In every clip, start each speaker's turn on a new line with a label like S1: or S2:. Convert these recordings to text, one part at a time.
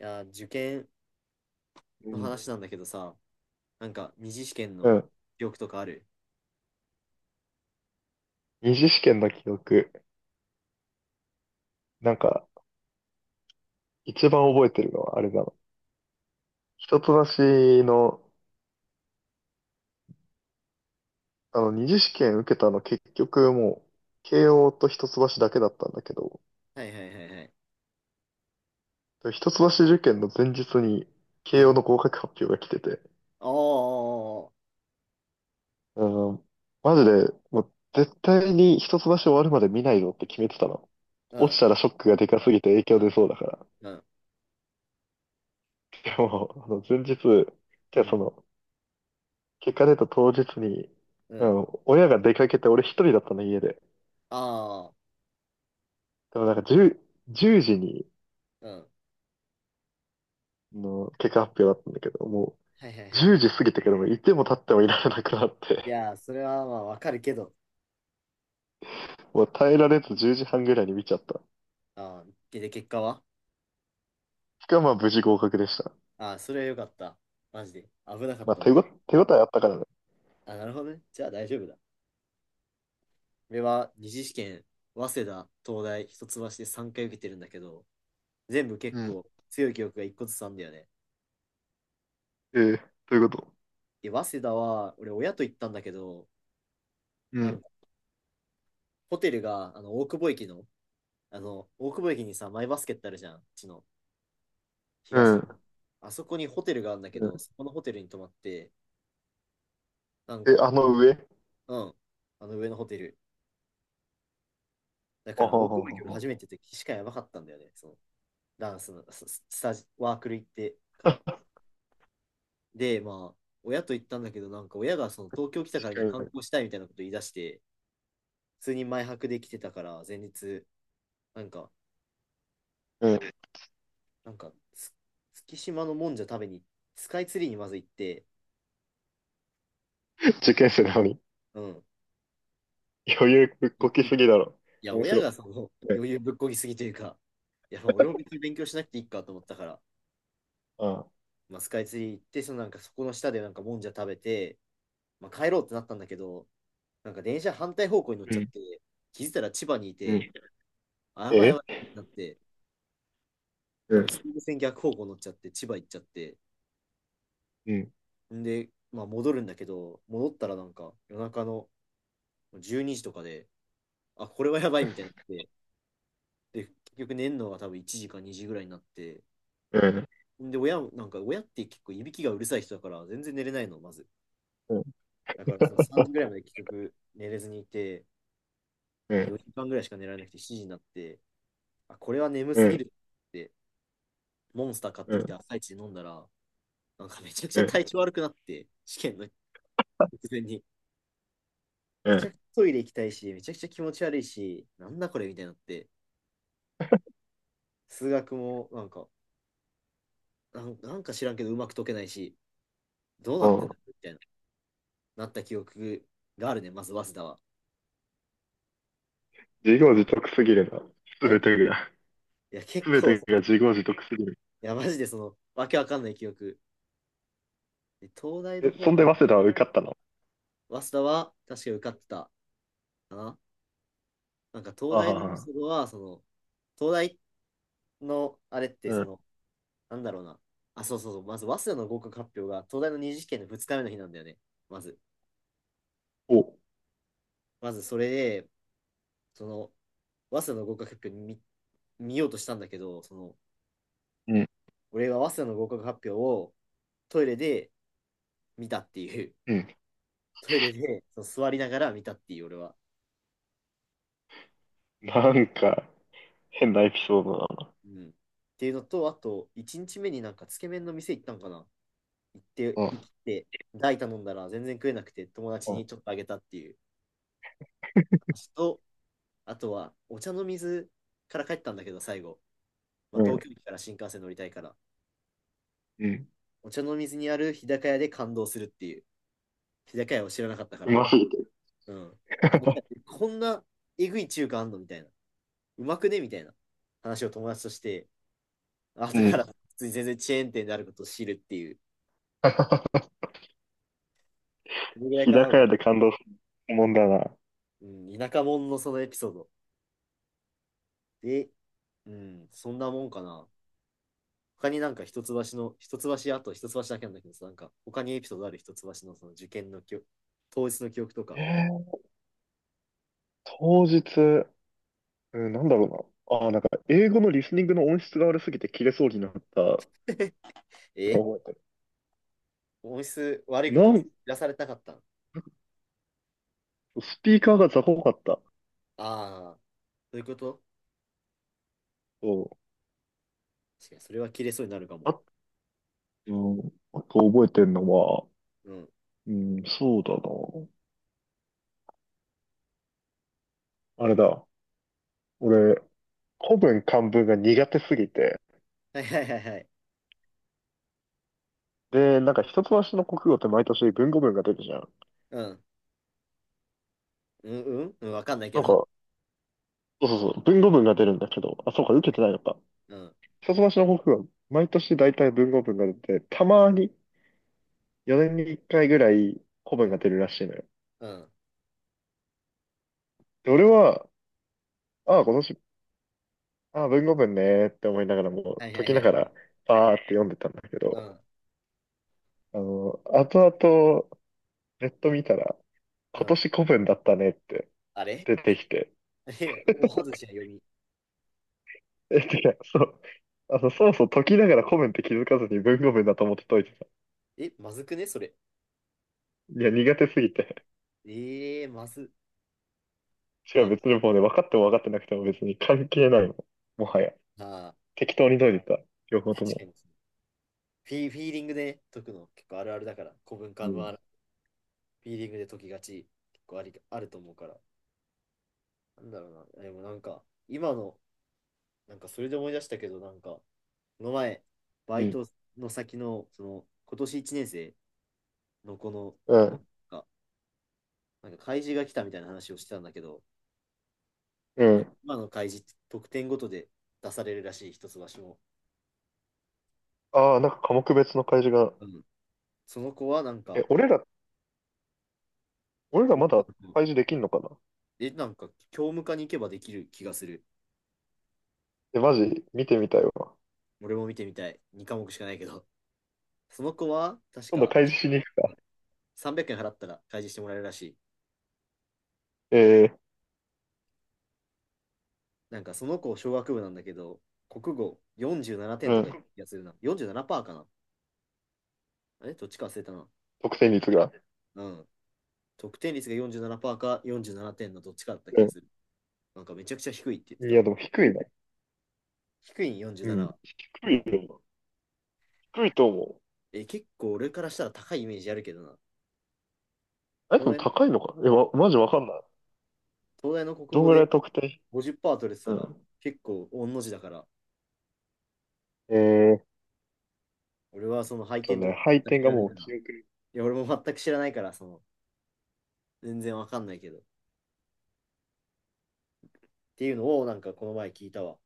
S1: いや、受験
S2: う
S1: の
S2: ん。
S1: 話なんだけどさ、二次試験
S2: う
S1: の
S2: ん。
S1: 記憶とかある？
S2: 二次試験の記憶。なんか、一番覚えてるのはあれだな。一橋の、二次試験受けたの結局もう、慶応と一橋だけだったんだけど、
S1: はいはいはいはい。
S2: 一橋受験の前日に
S1: う
S2: 慶応
S1: ん。
S2: の合格発表が来てて、
S1: ああ。
S2: うん、マジで、もう絶対に一橋終わるまで見ないぞって決めてたの。
S1: う
S2: 落ち
S1: ん。
S2: たらショックがでかすぎて影響出そうだから。
S1: うん。
S2: でも、前日、じ
S1: う
S2: ゃあ
S1: ん。
S2: 結果出た当日に、
S1: う
S2: う
S1: ん。
S2: ん、親が出かけて俺一人だったの家で。
S1: ああ。
S2: でもなんか10、時に
S1: うん。
S2: の結果発表だったんだけど、も
S1: はいはいは
S2: う10
S1: い。
S2: 時過ぎてからもういても立ってもいられなくなっ
S1: い
S2: て、
S1: やー、それはまあわかるけど。
S2: もう耐えられず10時半ぐらいに見ちゃった。
S1: ああ、で、で結果は？
S2: しかもまあ無事合格でした。
S1: ああ、それはよかった。マジで。危なかっ
S2: まあ
S1: たな。
S2: 手応えあったからね。
S1: あ、なるほどね。じゃあ大丈夫だ。俺は二次試験、早稲田、東大、一橋で3回受けてるんだけど、全部結
S2: うん。
S1: 構強い記憶が一個ずつあんだよね。
S2: ええ、どういうこと？
S1: で、早稲田は、俺、親と行ったんだけど、
S2: う
S1: な
S2: ん。
S1: んか、ホテルが、大久保駅の、大久保駅にさ、マイバスケってあるじゃん、うちの、
S2: う
S1: 東の。
S2: ん。
S1: あそこにホテルがあるんだけ
S2: うん。
S1: ど、そこのホテルに泊まって、なん
S2: え、
S1: か、
S2: あの上？
S1: うん、あの上のホテル。だ
S2: あ
S1: か
S2: は
S1: ら、大
S2: は
S1: 久
S2: は
S1: 保
S2: は
S1: 駅俺
S2: は。
S1: 初めて行った時しかやばかったんだよね、その、ダンスの、スススタジ、ワークル行ってから。で、まあ、親と行ったんだけど、なんか、親がその、東京来たからには
S2: 確か
S1: 観
S2: に。
S1: 光したいみたいなこと言い出して、普通に前泊で来てたから、前日、なんか、
S2: うん。
S1: なんか、つ月島のもんじゃ食べに、スカイツリーにまず行って。
S2: 受験生なのに。
S1: うん。
S2: 余裕ぶっ
S1: い、
S2: こき
S1: い、い
S2: すぎだろ。
S1: や、
S2: 面
S1: 親
S2: 白
S1: がその
S2: い。ね。
S1: 余裕ぶっこぎすぎというか、いや、まあ俺も別に勉強しなくていいかと思ったから、
S2: ああ。
S1: まあ、スカイツリー行って、そのなんかそこの下でなんかもんじゃ食べて、まあ、帰ろうってなったんだけど、なんか電車反対方向に乗っ
S2: う
S1: ちゃっ
S2: ん。
S1: て、気づいたら千葉にい
S2: う
S1: て、
S2: ん。
S1: あ、やばいや
S2: え、
S1: ばいってなって、
S2: う
S1: 多
S2: ん、
S1: 分総武線逆方向乗っちゃって、千葉行っちゃって、
S2: うん、
S1: んで、まあ戻るんだけど、戻ったらなんか夜中の12時とかで、あ、これはやばいみたいになって、で、結局寝るのが多分1時か2時ぐらいになって、
S2: うん、
S1: で、親も、なんか親って結構いびきがうるさい人だから、全然寝れないの、まず。
S2: うん、
S1: だからその3時ぐらいまで結局寝れずにいて、
S2: う
S1: まあ、
S2: ん、
S1: 4時間ぐらいしか寝られなくて7時になって、あ、これは眠
S2: う
S1: すぎ
S2: ん、
S1: るって、モンスター買っ
S2: う
S1: てきて
S2: ん、
S1: 朝一で飲んだら、なんかめちゃくち
S2: う
S1: ゃ体
S2: ん、
S1: 調悪くなって、試験の直前に。
S2: う
S1: めちゃくち
S2: ん。
S1: ゃトイレ行きたいし、めちゃくちゃ気持ち悪いし、なんだこれみたいになって、数学もなんか、なんなんか知らんけどうまく解けないし、どうな
S2: あ
S1: ってん
S2: あ、
S1: だみたいな。なった記憶があるね、まず早稲田は。
S2: 自業自得すぎるな。す
S1: ん、
S2: べてが、
S1: いや、
S2: す
S1: 結
S2: べ
S1: 構、
S2: てが
S1: い
S2: 自業自得すぎる。
S1: や、マジでその、わけわかんない記憶。で東大の
S2: え、
S1: 方
S2: そんで
S1: は、
S2: 早稲田は受かったの？
S1: 早稲田は確かに受かってたかな。なんか東
S2: ああ、
S1: 大のエ
S2: は
S1: ピ
S2: は。
S1: ソードは、その、東大のあれって、
S2: う
S1: そ
S2: ん。
S1: の、なんだろうな。あ、そうそうそう、まず早稲田の合格発表が、東大の二次試験の2日目の日なんだよね。まず。
S2: お、
S1: まずそれで、その、早稲田の合格発表に見ようとしたんだけど、その、
S2: うん、
S1: 俺が早稲田の合格発表をトイレで見たっていう、
S2: うん。
S1: トイレでそう座りながら見たっていう、俺は。
S2: なんか、変なエピソードだな。
S1: うん。っていうのと、あと、1日目になんかつけ麺の店行ったんかな。
S2: うん、
S1: 行って、大頼んだら全然食えなくて、友達
S2: う
S1: にちょっとあげたっていう話と、あとは、お茶の水から帰ったんだけど、最後。まあ、
S2: ん、
S1: 東京駅から新幹線乗りたいから。
S2: うん。
S1: お茶の水にある日高屋で感動するっていう。日高屋を知らなかったか
S2: う
S1: ら。
S2: ますぎて。
S1: うん。日高屋って こんなえぐい中華あんのみたいな。うまくねみたいな話を友達として、あ、だ
S2: う
S1: から、
S2: ん。
S1: 普通に全然チェーン店であることを知るっていう。それぐらい
S2: 日
S1: かな。
S2: 高屋で感動するもんだな。
S1: うん、田舎者のそのエピソード。で、うん、そんなもんかな。他になんか一橋の、あと一橋だけなんだけどさ、なんか他にエピソードある？一橋のその受験の記憶、当日の記憶と
S2: え
S1: か。
S2: ー、当日、うん、なんだろうな。ああ、なんか、英語のリスニングの音質が悪すぎて切れそうになった
S1: え、
S2: 覚えてる。
S1: 音質悪いこと
S2: な
S1: を知
S2: ん
S1: らされたかったの？
S2: スピーカーが雑魚かった。
S1: ああー、そういうこと。
S2: そ
S1: 確かにそれは切れそうになるかも。
S2: う、あ、うん。あと覚えてんのは、
S1: うん。
S2: うん、そうだな。あれだ。俺、古文漢文が苦手すぎて。
S1: はいはいはいはい。
S2: で、なんか一橋の国語って毎年文語文が出るじゃん。
S1: うん。うん、うん、うん、わかんないけ
S2: なん
S1: ど。
S2: か、そうそうそう、文語文が出るんだけど、あ、そうか、受けてないのか。
S1: うん、
S2: 一橋の国語は毎年大体文語文が出て、たまに4年に1回ぐらい古
S1: う
S2: 文が
S1: ん、
S2: 出るらしいのよ。
S1: うん。
S2: で、俺は、ああ、今年、ああ、文語文ねーって思いながらも
S1: は
S2: う
S1: いは
S2: 解
S1: い
S2: き
S1: は
S2: ながら、
S1: い。
S2: パーって読んでたんだけ
S1: うん、
S2: ど、
S1: うん。
S2: 後々、ネット見たら、
S1: う
S2: 今
S1: ん。
S2: 年古文だったねって
S1: あれ？
S2: 出てきて、
S1: え、大外しな読み。
S2: え、てか、そう、そもそも解きながら古文って気づかずに文語文だと思って解いてた。
S1: え、まずくね、それ。
S2: いや、苦手すぎて。
S1: ええまず。
S2: し
S1: ま
S2: か
S1: あ、
S2: も
S1: なん
S2: 別
S1: か、
S2: にもうね、分かっても分かってなくても別に関係ないもん。もはや。
S1: あ
S2: 適当に解いてた。両
S1: ー、
S2: 方と
S1: 確か
S2: も。
S1: にそう。フィーリングで解くの結構あるあるだから、古文漢
S2: うん。
S1: 文ある。フィーリングで解きがち、結構あり、あると思うから。なんだろうな。でもなんか、今の、なんかそれで思い出したけど、なんか、この前、バ
S2: う
S1: イ
S2: ん。
S1: トの先の、その、今年1年生の
S2: う
S1: 子
S2: ん。
S1: が、なんか開示が来たみたいな話をしてたんだけど、
S2: う
S1: なんか
S2: ん。
S1: 今の開示って得点ごとで出されるらしい、一橋も。
S2: ああ、なんか科目別の開示が。
S1: うん、その子はなん
S2: え、
S1: か、
S2: 俺ら
S1: 俺、
S2: まだ
S1: なんか、
S2: 開示できんのかな？
S1: え、なんか、教務課に行けばできる気がする。
S2: え、マジ見てみたいわ。
S1: 俺も見てみたい。2科目しかないけど。その子は、確
S2: 今度
S1: か、
S2: 開示しに行くか。
S1: 300円払ったら開示してもらえるらしい。
S2: えー、
S1: なんか、その子、小学部なんだけど、国語47
S2: う
S1: 点とか
S2: ん。
S1: やつるな。47%かな、あれどっちか忘れたな。
S2: 得点率が。
S1: うん。得点率が47%か47点のどっちかだった気
S2: うん、
S1: がする。なんか、めちゃくちゃ低いって言って
S2: い
S1: た。
S2: や、でも低いね。
S1: 低いん
S2: う
S1: 47
S2: ん。
S1: は。う
S2: 低
S1: ん。
S2: いよ。低いと思う。
S1: え、結構俺からしたら高いイメージあるけどな。
S2: あれ
S1: 東
S2: でも
S1: 大、
S2: 高いのかな？え、わ、マジわかんない。
S1: 東大の国
S2: どん
S1: 語
S2: ぐら
S1: で
S2: い得点？
S1: 50%取れてた
S2: う
S1: ら
S2: ん。
S1: 結構御の字だから、
S2: えち
S1: 俺はその配
S2: ょっと
S1: 点と
S2: ね、
S1: か
S2: 配
S1: 全く
S2: 点
S1: 知
S2: が
S1: らない
S2: もう
S1: から、
S2: 記憶に。
S1: いや、俺も全く知らないから、その、全然わかんないけど。っていうのをなんかこの前聞いたわ。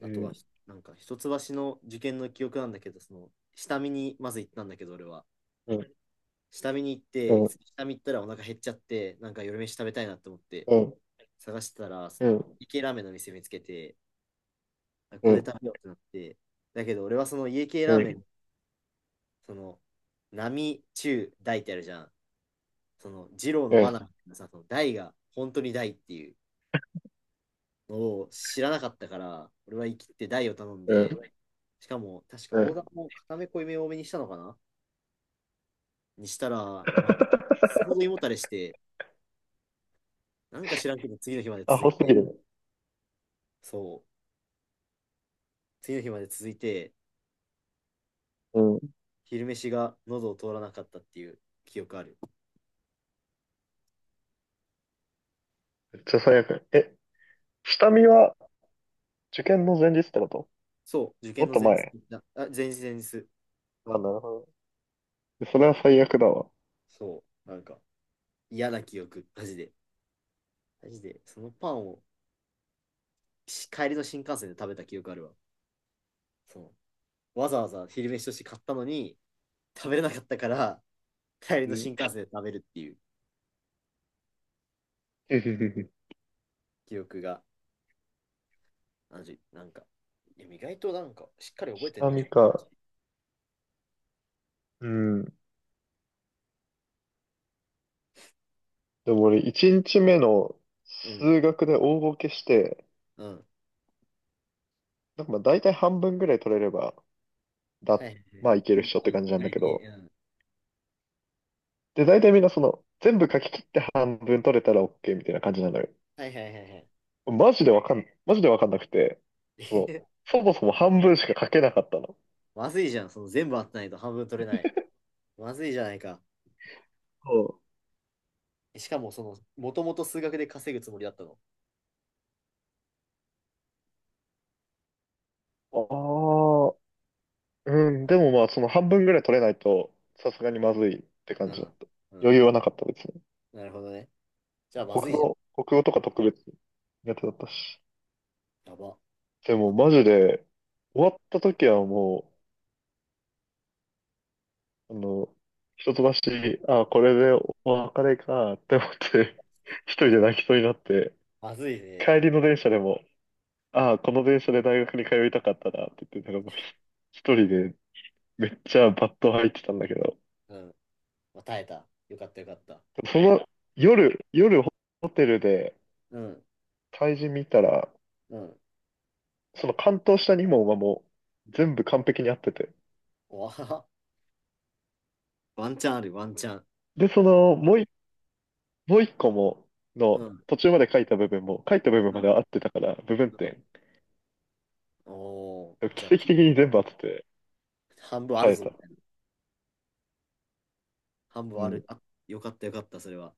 S2: う
S1: あとは、
S2: ん、
S1: なんか一橋の受験の記憶なんだけど、その、下見にまず行ったんだけど、俺は。
S2: うん、
S1: 下見に行っ
S2: う
S1: て、
S2: ん、
S1: 下見行ったらお腹減っちゃって、なんか夜飯食べたいなって思って、
S2: うん、
S1: 探してたら、そ
S2: うん、う
S1: の、
S2: ん、
S1: 家系ラーメンの店見つけて、あこ
S2: う
S1: こで
S2: ん、
S1: 食べようってなって、だけど俺はその家系
S2: う
S1: ラーメ
S2: ん、
S1: ン、その、並中大ってあるじゃん。その、二郎の罠みたいなさ、その大が本当に大っていうのを知らなかったから、俺は生きて大を頼ん
S2: うん。
S1: で、しかも、確か
S2: う
S1: オーダ
S2: ん。
S1: ーも固め濃いめ多めにしたのかな、にしたら、もう すほど胃もたれして、なんか知らんけど次の日まで
S2: ア
S1: 続
S2: ホ
S1: い
S2: すぎ
S1: て、
S2: るね。
S1: そう、次の日まで続いて、
S2: うん。
S1: 昼飯が喉を通らなかったっていう記憶ある。
S2: めっちゃ最悪。え、下見は受験の前日ってこと？
S1: そう、受
S2: も
S1: 験
S2: っ
S1: の
S2: と
S1: 前日
S2: 前。
S1: だ、あ、前日前日。
S2: あ、なるほど。それは最悪だわ。
S1: そう、なんか嫌な記憶、マジで。マジで、そのパンをし帰りの新幹線で食べた記憶あるわ。そう。わざわざ昼飯として買ったのに、食べれなかったから、帰り
S2: う
S1: の新
S2: ん。
S1: 幹線で食べるっていう 記憶が、あのじなんか、いや意外となんか、しっかり覚えてん
S2: 下
S1: な、
S2: 見
S1: 自分の話。
S2: か。うん。でも俺、1日目の
S1: うん、
S2: 数学で大ボケして、
S1: うん。
S2: なんかまあ大体半分ぐらい取れれば、
S1: は
S2: だ、
S1: いはいはい
S2: まあ
S1: は
S2: い
S1: い。
S2: けるっしょって感じなんだけ
S1: 系、
S2: ど、
S1: うん。
S2: で、大体みんな全部書き切って半分取れたら OK みたいな感じなのよ。
S1: はいはいはいはい。
S2: マジでわかんなくて、そう、そもそも半分しか書けなかったの。
S1: まずいじゃん、その全部あってないと半分取れない。まずいじゃないか。
S2: そ
S1: しかも、その、もともと数学で稼ぐつもりだったの。
S2: う、ああ、うん、でもまあその半分ぐらい取れないと、さすがにまずいって感
S1: う
S2: じだっ
S1: ん。
S2: た。
S1: うん。
S2: 余裕はなかった、別に。
S1: なるほどね。じゃあ、まずいじ
S2: 国語とか特別苦手だったし。
S1: ゃん。やば。
S2: でも
S1: あ、
S2: マジで、終わった時はもう、一橋、あ、これでお別れかって思って、一人で泣きそうになって、
S1: まずいね。
S2: 帰りの電車でも、あ、この電車で大学に通いたかったなって言って、なんかもう一人でめっちゃバット入ってたんだけど、
S1: うん。まあ、耐えた。よかったよかった。
S2: その夜ホテルで
S1: うん。
S2: 対人見たら、
S1: うん。
S2: その関東下にも馬もう全部完璧に合ってて、
S1: わあ、ワンチャンある、ワンチャン。
S2: で、もう一個も、
S1: う
S2: の、
S1: ん。
S2: 途中まで書いた部分
S1: う
S2: ま
S1: ん。
S2: では合ってたから、部分
S1: うん。
S2: 点。
S1: お。お、じゃあ、
S2: 奇跡的に全部合ってて、
S1: 半分ある
S2: 生え
S1: ぞ、み
S2: た。
S1: たいな。半
S2: う
S1: 分あ
S2: ん。
S1: る。あ、よかった、よかった、それは。